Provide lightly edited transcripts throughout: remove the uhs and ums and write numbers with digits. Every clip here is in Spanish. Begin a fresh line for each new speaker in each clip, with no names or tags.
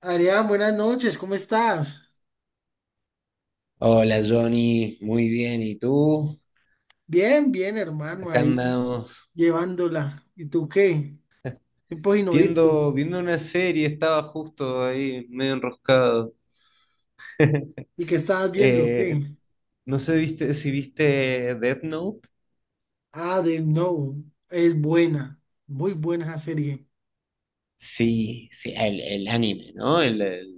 Adrián, buenas noches, ¿cómo estás?
Hola Johnny, muy bien. ¿Y tú?
Bien, hermano,
Acá
ahí
andamos
llevándola. ¿Y tú qué? Tiempo sin oírte.
viendo una serie, estaba justo ahí medio enroscado.
¿Y qué estabas viendo?
Eh,
¿Qué?
no sé viste, si viste Death Note.
Ah, de No, es buena, muy buena esa serie.
Sí, sí, el anime, ¿no? El, el-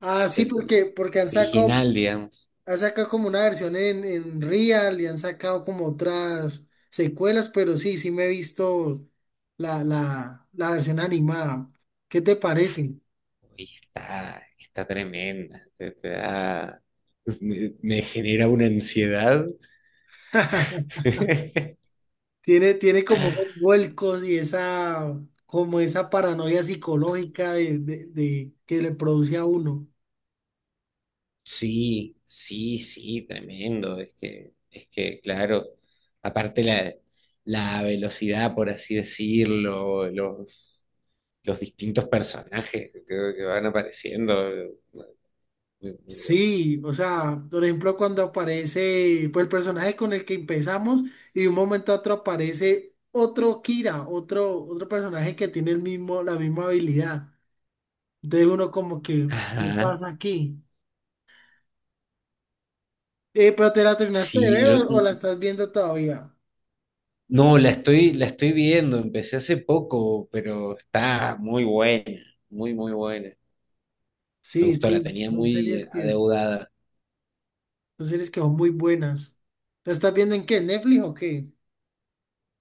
Ah, sí,
el
porque
original, digamos.
han sacado como una versión en Real y han sacado como otras secuelas, pero sí, sí me he visto la versión animada. ¿Qué te parece?
Y está tremenda. Me genera una ansiedad.
Tiene como esos vuelcos y esa, como esa paranoia psicológica que le produce a uno.
Sí, sí, sí, tremendo. Es que, claro, aparte la velocidad, por así decirlo, los distintos personajes que, creo que van apareciendo, bueno, muy, muy bueno.
Sí, o sea, por ejemplo, cuando aparece, pues el personaje con el que empezamos y de un momento a otro aparece otro Kira, otro, otro personaje que tiene el mismo, la misma habilidad. Entonces uno como que, ¿qué
Ajá.
pasa aquí? ¿Pero te la terminaste de
Sí,
ver
yo
o la estás viendo todavía?
no, la estoy viendo, empecé hace poco, pero está muy buena, muy, muy buena. Me
Sí,
gustó, la
sí,
tenía
son series
muy
que...
adeudada
Son series que son muy buenas. ¿La estás viendo en qué? ¿Netflix o qué?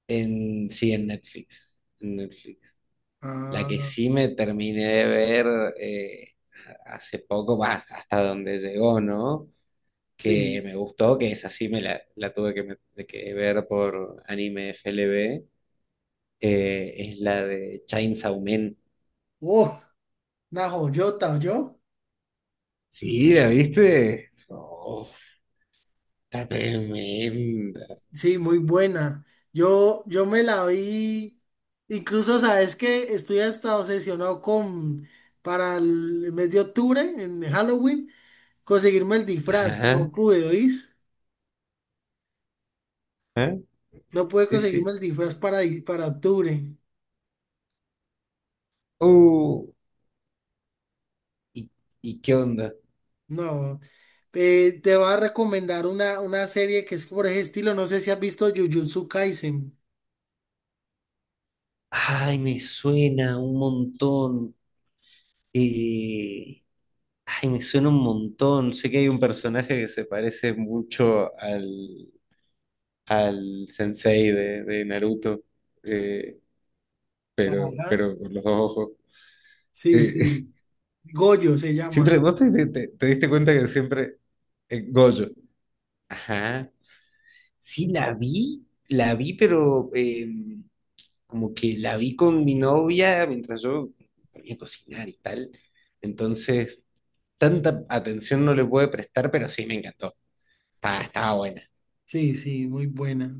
en sí, en Netflix. En Netflix. La que
Ah,
sí me terminé de ver eh, hace poco, va, hasta donde llegó, ¿no? Que
sí.
me gustó, que esa sí me la tuve que, de que ver por anime f FLB, es la de Chainsaw Man.
Uh, una joyota, ¿yo?
Sí, ¿la viste? Oh, está tremenda.
Sí, muy buena. Yo me la vi. Incluso, sabes que estoy hasta obsesionado con para el mes de octubre, en Halloween, conseguirme el disfraz.
Ajá,
No pude, ¿oís?
ajá.
No pude
Sí,
conseguirme
sí.
el disfraz para, para octubre.
Uh, ¿y, ¿y qué onda?
No. Te voy a recomendar una serie que es por ese estilo. No sé si has visto Jujutsu Kaisen.
Ay, me suena un montón. Eh, Ay, me suena un montón. Sé que hay un personaje que se parece mucho al sensei de Naruto, eh,
Ajá.
pero con los dos ojos.
Sí,
Eh,
sí. Goyo se
siempre,
llama.
¿vos te diste cuenta que siempre Gojo? Ajá. Sí, la vi, pero como que la vi con mi novia mientras yo ponía a cocinar y tal. Entonces, tanta atención no le pude prestar, pero sí me encantó. Estaba buena.
Sí, sí, muy buena.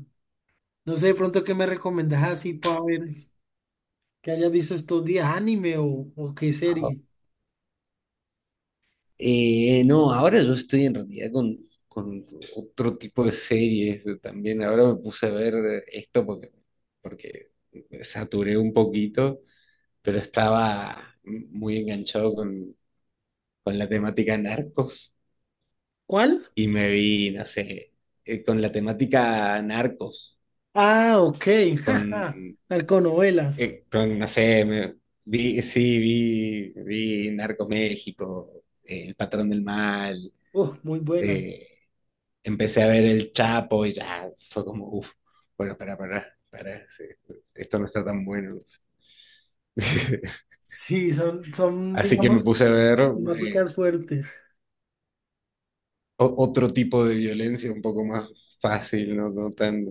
No sé de pronto qué me recomendás así para ver que hayas visto estos días, anime o qué serie.
No, ahora yo estoy en realidad con otro tipo de series también. Ahora me puse a ver esto porque saturé un poquito, pero estaba muy enganchado con la temática narcos
¿Cuál?
y me vi, no sé, con la temática narcos,
Ah, ok.
con,
jaja, Narconovelas.
con no sé, vi, sí, vi Narco México, El Patrón del Mal.
Muy buena.
eh, Empecé a ver El Chapo y ya fue como, uff, bueno, para, sí, esto no está tan bueno.
Sí, son,
Así que me
digamos,
puse a ver eh,
temáticas fuertes.
otro tipo de violencia un poco más fácil, no tan, no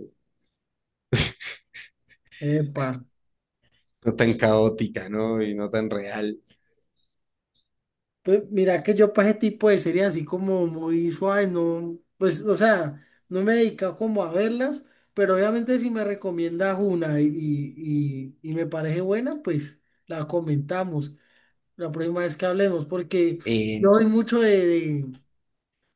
Epa.
tan caótica, ¿no? Y no tan real.
Pues mira que yo para ese tipo de series así como muy suave, no, pues, o sea, no me he dedicado como a verlas, pero obviamente si me recomiendas una y me parece buena, pues la comentamos la próxima vez que hablemos, porque yo
Eh,
doy mucho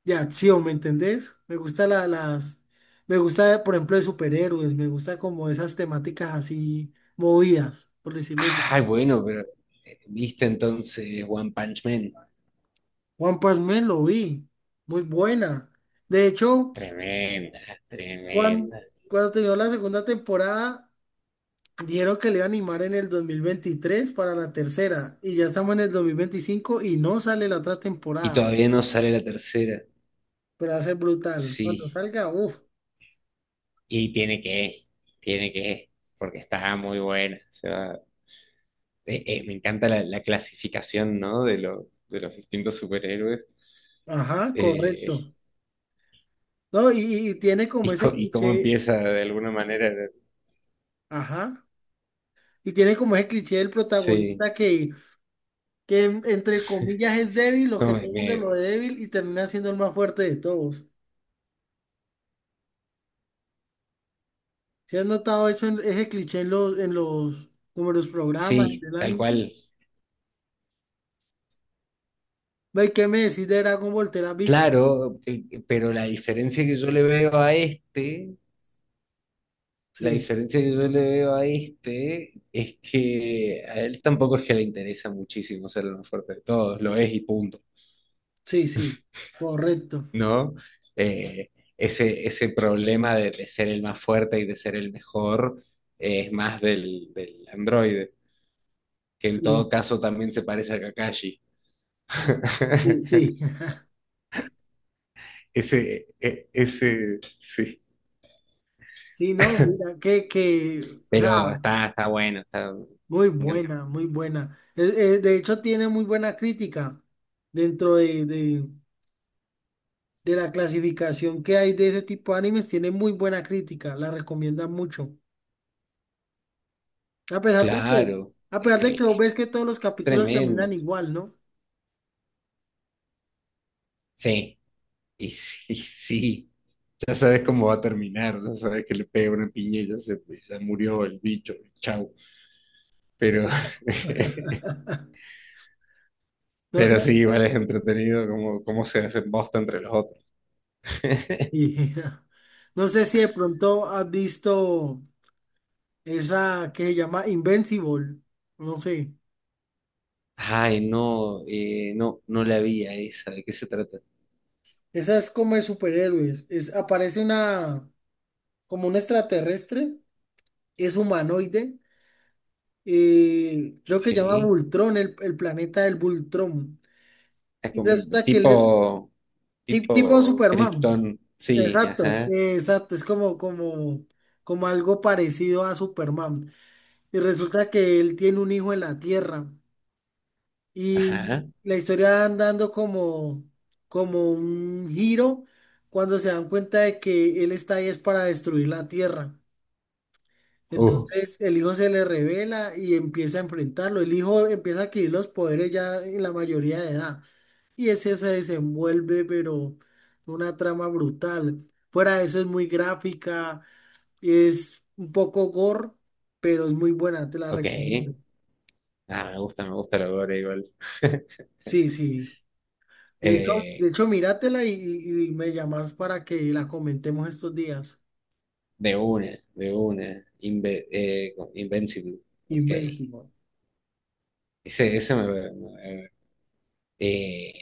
de acción, ¿me entendés? Me gusta la, las, me gusta, por ejemplo, de superhéroes, me gusta como esas temáticas así movidas, por decirlo así.
Ay, bueno, pero viste entonces One Punch Man.
Juan Pasmé lo vi, muy buena. De hecho.
Tremenda,
Cuando,
tremenda.
cuando terminó la segunda temporada, dijeron que le iba a animar en el 2023 para la tercera. Y ya estamos en el 2025 y no sale la otra
Y
temporada.
todavía no sale la tercera.
Pero va a ser brutal. Cuando
Sí.
salga, uff.
Y tiene que, porque está muy buena. O sea, me encanta la clasificación, ¿no? De los distintos superhéroes.
Ajá,
eh,
correcto. No, y tiene como
y,
ese
y cómo
cliché.
empieza de alguna manera.
Ajá. Y tiene como ese cliché del
Sí,
protagonista que entre comillas es débil, o
no,
que todo el mundo lo ve débil y termina siendo el más fuerte de todos. ¿Sí has notado eso ese cliché en como en los programas, en
sí,
el
tal
anime?
cual.
Ve, ¿qué me decís de Dragon Ball? ¿Te la has visto?
Claro, pero la diferencia que yo le veo a este, la
Sí,
diferencia que yo le veo a este es que a él tampoco es que le interesa muchísimo ser el más fuerte de todos, lo es y punto.
sí, sí, correcto.
¿No? Eh, ese problema de ser el más fuerte y de ser el mejor, es más del androide, que en
Sí,
todo caso también se parece a Kakashi.
sí, sí.
Ese, sí.
Sí, no, mira, o sea,
Pero está bueno, está me
muy
encanta.
buena, muy buena. De hecho, tiene muy buena crítica dentro de la clasificación que hay de ese tipo de animes, tiene muy buena crítica, la recomiendan mucho. A pesar de que,
Claro,
a pesar de que vos ves que todos los
es
capítulos terminan
tremendo.
igual, ¿no?
Sí, y sí, sí. Ya sabes cómo va a terminar, ya sabes que le pega una piña y ya se, ya murió el bicho, chau. Pero
No sé.
pero sí, igual es entretenido cómo se hacen bosta entre los otros.
Y no sé si de pronto has visto esa que se llama Invincible. No sé.
Ay, no, no, no la vi a esa, ¿de qué se trata?
Esa es como de superhéroes. Es, aparece una, como un extraterrestre, es humanoide. Eh, creo que se llama
Sí,
Vultrón, el planeta del Vultrón.
es
Y
como
resulta que él es
tipo,
tipo
tipo
Superman.
Krypton, sí,
Exacto,
ajá,
exacto. Es como algo parecido a Superman. Y resulta que él tiene un hijo en la Tierra. Y
ajá,
la historia va dando como, como un giro cuando se dan cuenta de que él está ahí es para destruir la tierra.
uh,
Entonces el hijo se le revela y empieza a enfrentarlo. El hijo empieza a adquirir los poderes ya en la mayoría de edad. Y ese se desenvuelve, pero una trama brutal. Fuera de eso es muy gráfica, es un poco gore, pero es muy buena, te la
ok,
recomiendo.
ah, me gusta la gore igual,
Sí, sí. De
eh,
hecho, míratela y me llamas para que la comentemos estos días.
de una, Invincible, ok,
Invencible.
ese me, Eh,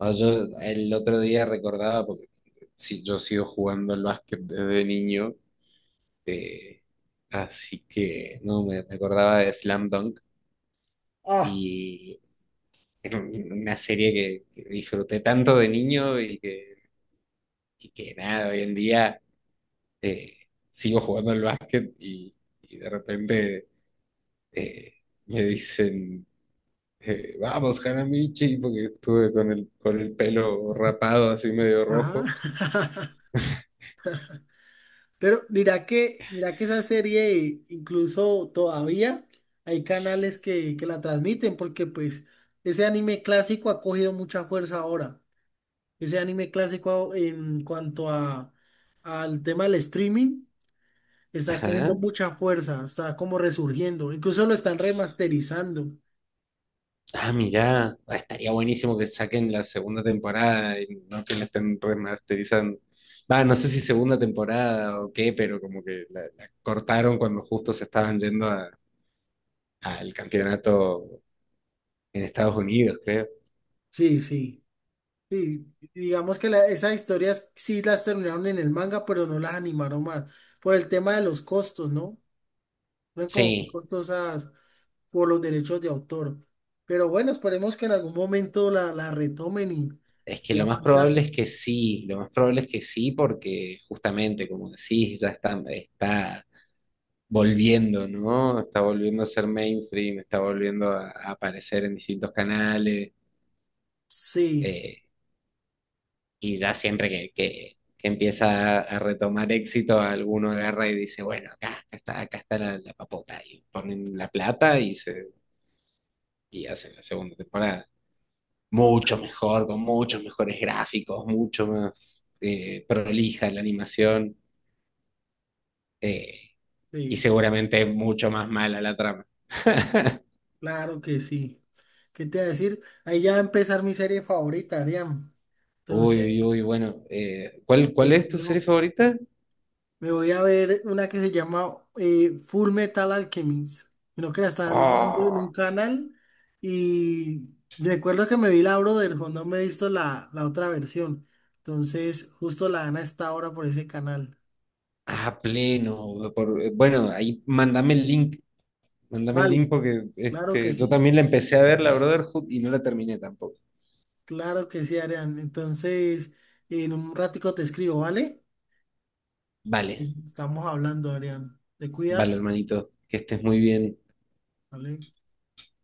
no, yo el otro día recordaba, porque sí, yo sigo jugando al básquet desde niño, eh, así que no, me acordaba de Slam Dunk
Ah,
y una serie que disfruté tanto de niño y que nada, hoy en día eh, sigo jugando al básquet y de repente eh, me dicen, vamos, Hanamichi, porque estuve con con el pelo rapado así medio rojo.
ajá. Pero mira que esa serie, incluso todavía hay canales que la transmiten, porque pues ese anime clásico ha cogido mucha fuerza ahora. Ese anime clásico en cuanto a al tema del streaming está cogiendo
Ajá.
mucha fuerza, está como resurgiendo. Incluso lo están remasterizando.
Ah, mirá, ah, estaría buenísimo que saquen la segunda temporada y no que la estén remasterizando. Va, no sé si segunda temporada o qué, pero como que la cortaron cuando justo se estaban yendo al campeonato en Estados Unidos, creo.
Sí, sí. Sí, digamos que esas historias sí las terminaron en el manga, pero no las animaron más, por el tema de los costos, ¿no? No eran como muy
Sí,
costosas por los derechos de autor. Pero bueno, esperemos que en algún momento la retomen y
es que lo
sea
más
fantástico.
probable es que sí, lo más probable es que sí, porque justamente, como decís, ya está volviendo, ¿no? Está volviendo a ser mainstream, está volviendo a aparecer en distintos canales.
Sí,
Y ya siempre que empieza a retomar éxito, alguno agarra y dice, bueno, acá, acá está la papota, y ponen la plata y, se, y hacen la segunda temporada. Mucho mejor, con muchos mejores gráficos, mucho más prolija la animación, eh, y
sí,
seguramente mucho más mala la trama.
claro que sí. ¿Qué te voy a decir? Ahí ya va a empezar mi serie favorita, Ariam.
Uy,
Entonces,
uy, uy, bueno, ¿cuál
eh,
es tu serie
digo,
favorita?
me voy a ver una que se llama Full Metal Alchemist. Creo que la están dando en
Oh,
un canal y recuerdo que me vi la Brotherhood, no me he visto la otra versión. Entonces, justo la dan a esta hora por ese canal.
a pleno. Bueno, ahí mándame el link. Mándame el
Vale,
link porque
claro que
este, yo
sí,
también la empecé a ver, la Brotherhood, y no la terminé tampoco.
claro que sí, Arián. Entonces, en un ratico te escribo, ¿vale?
Vale,
Estamos hablando, Arián. ¿Te
vale,
cuidas?
hermanito, que estés muy bien.
Vale.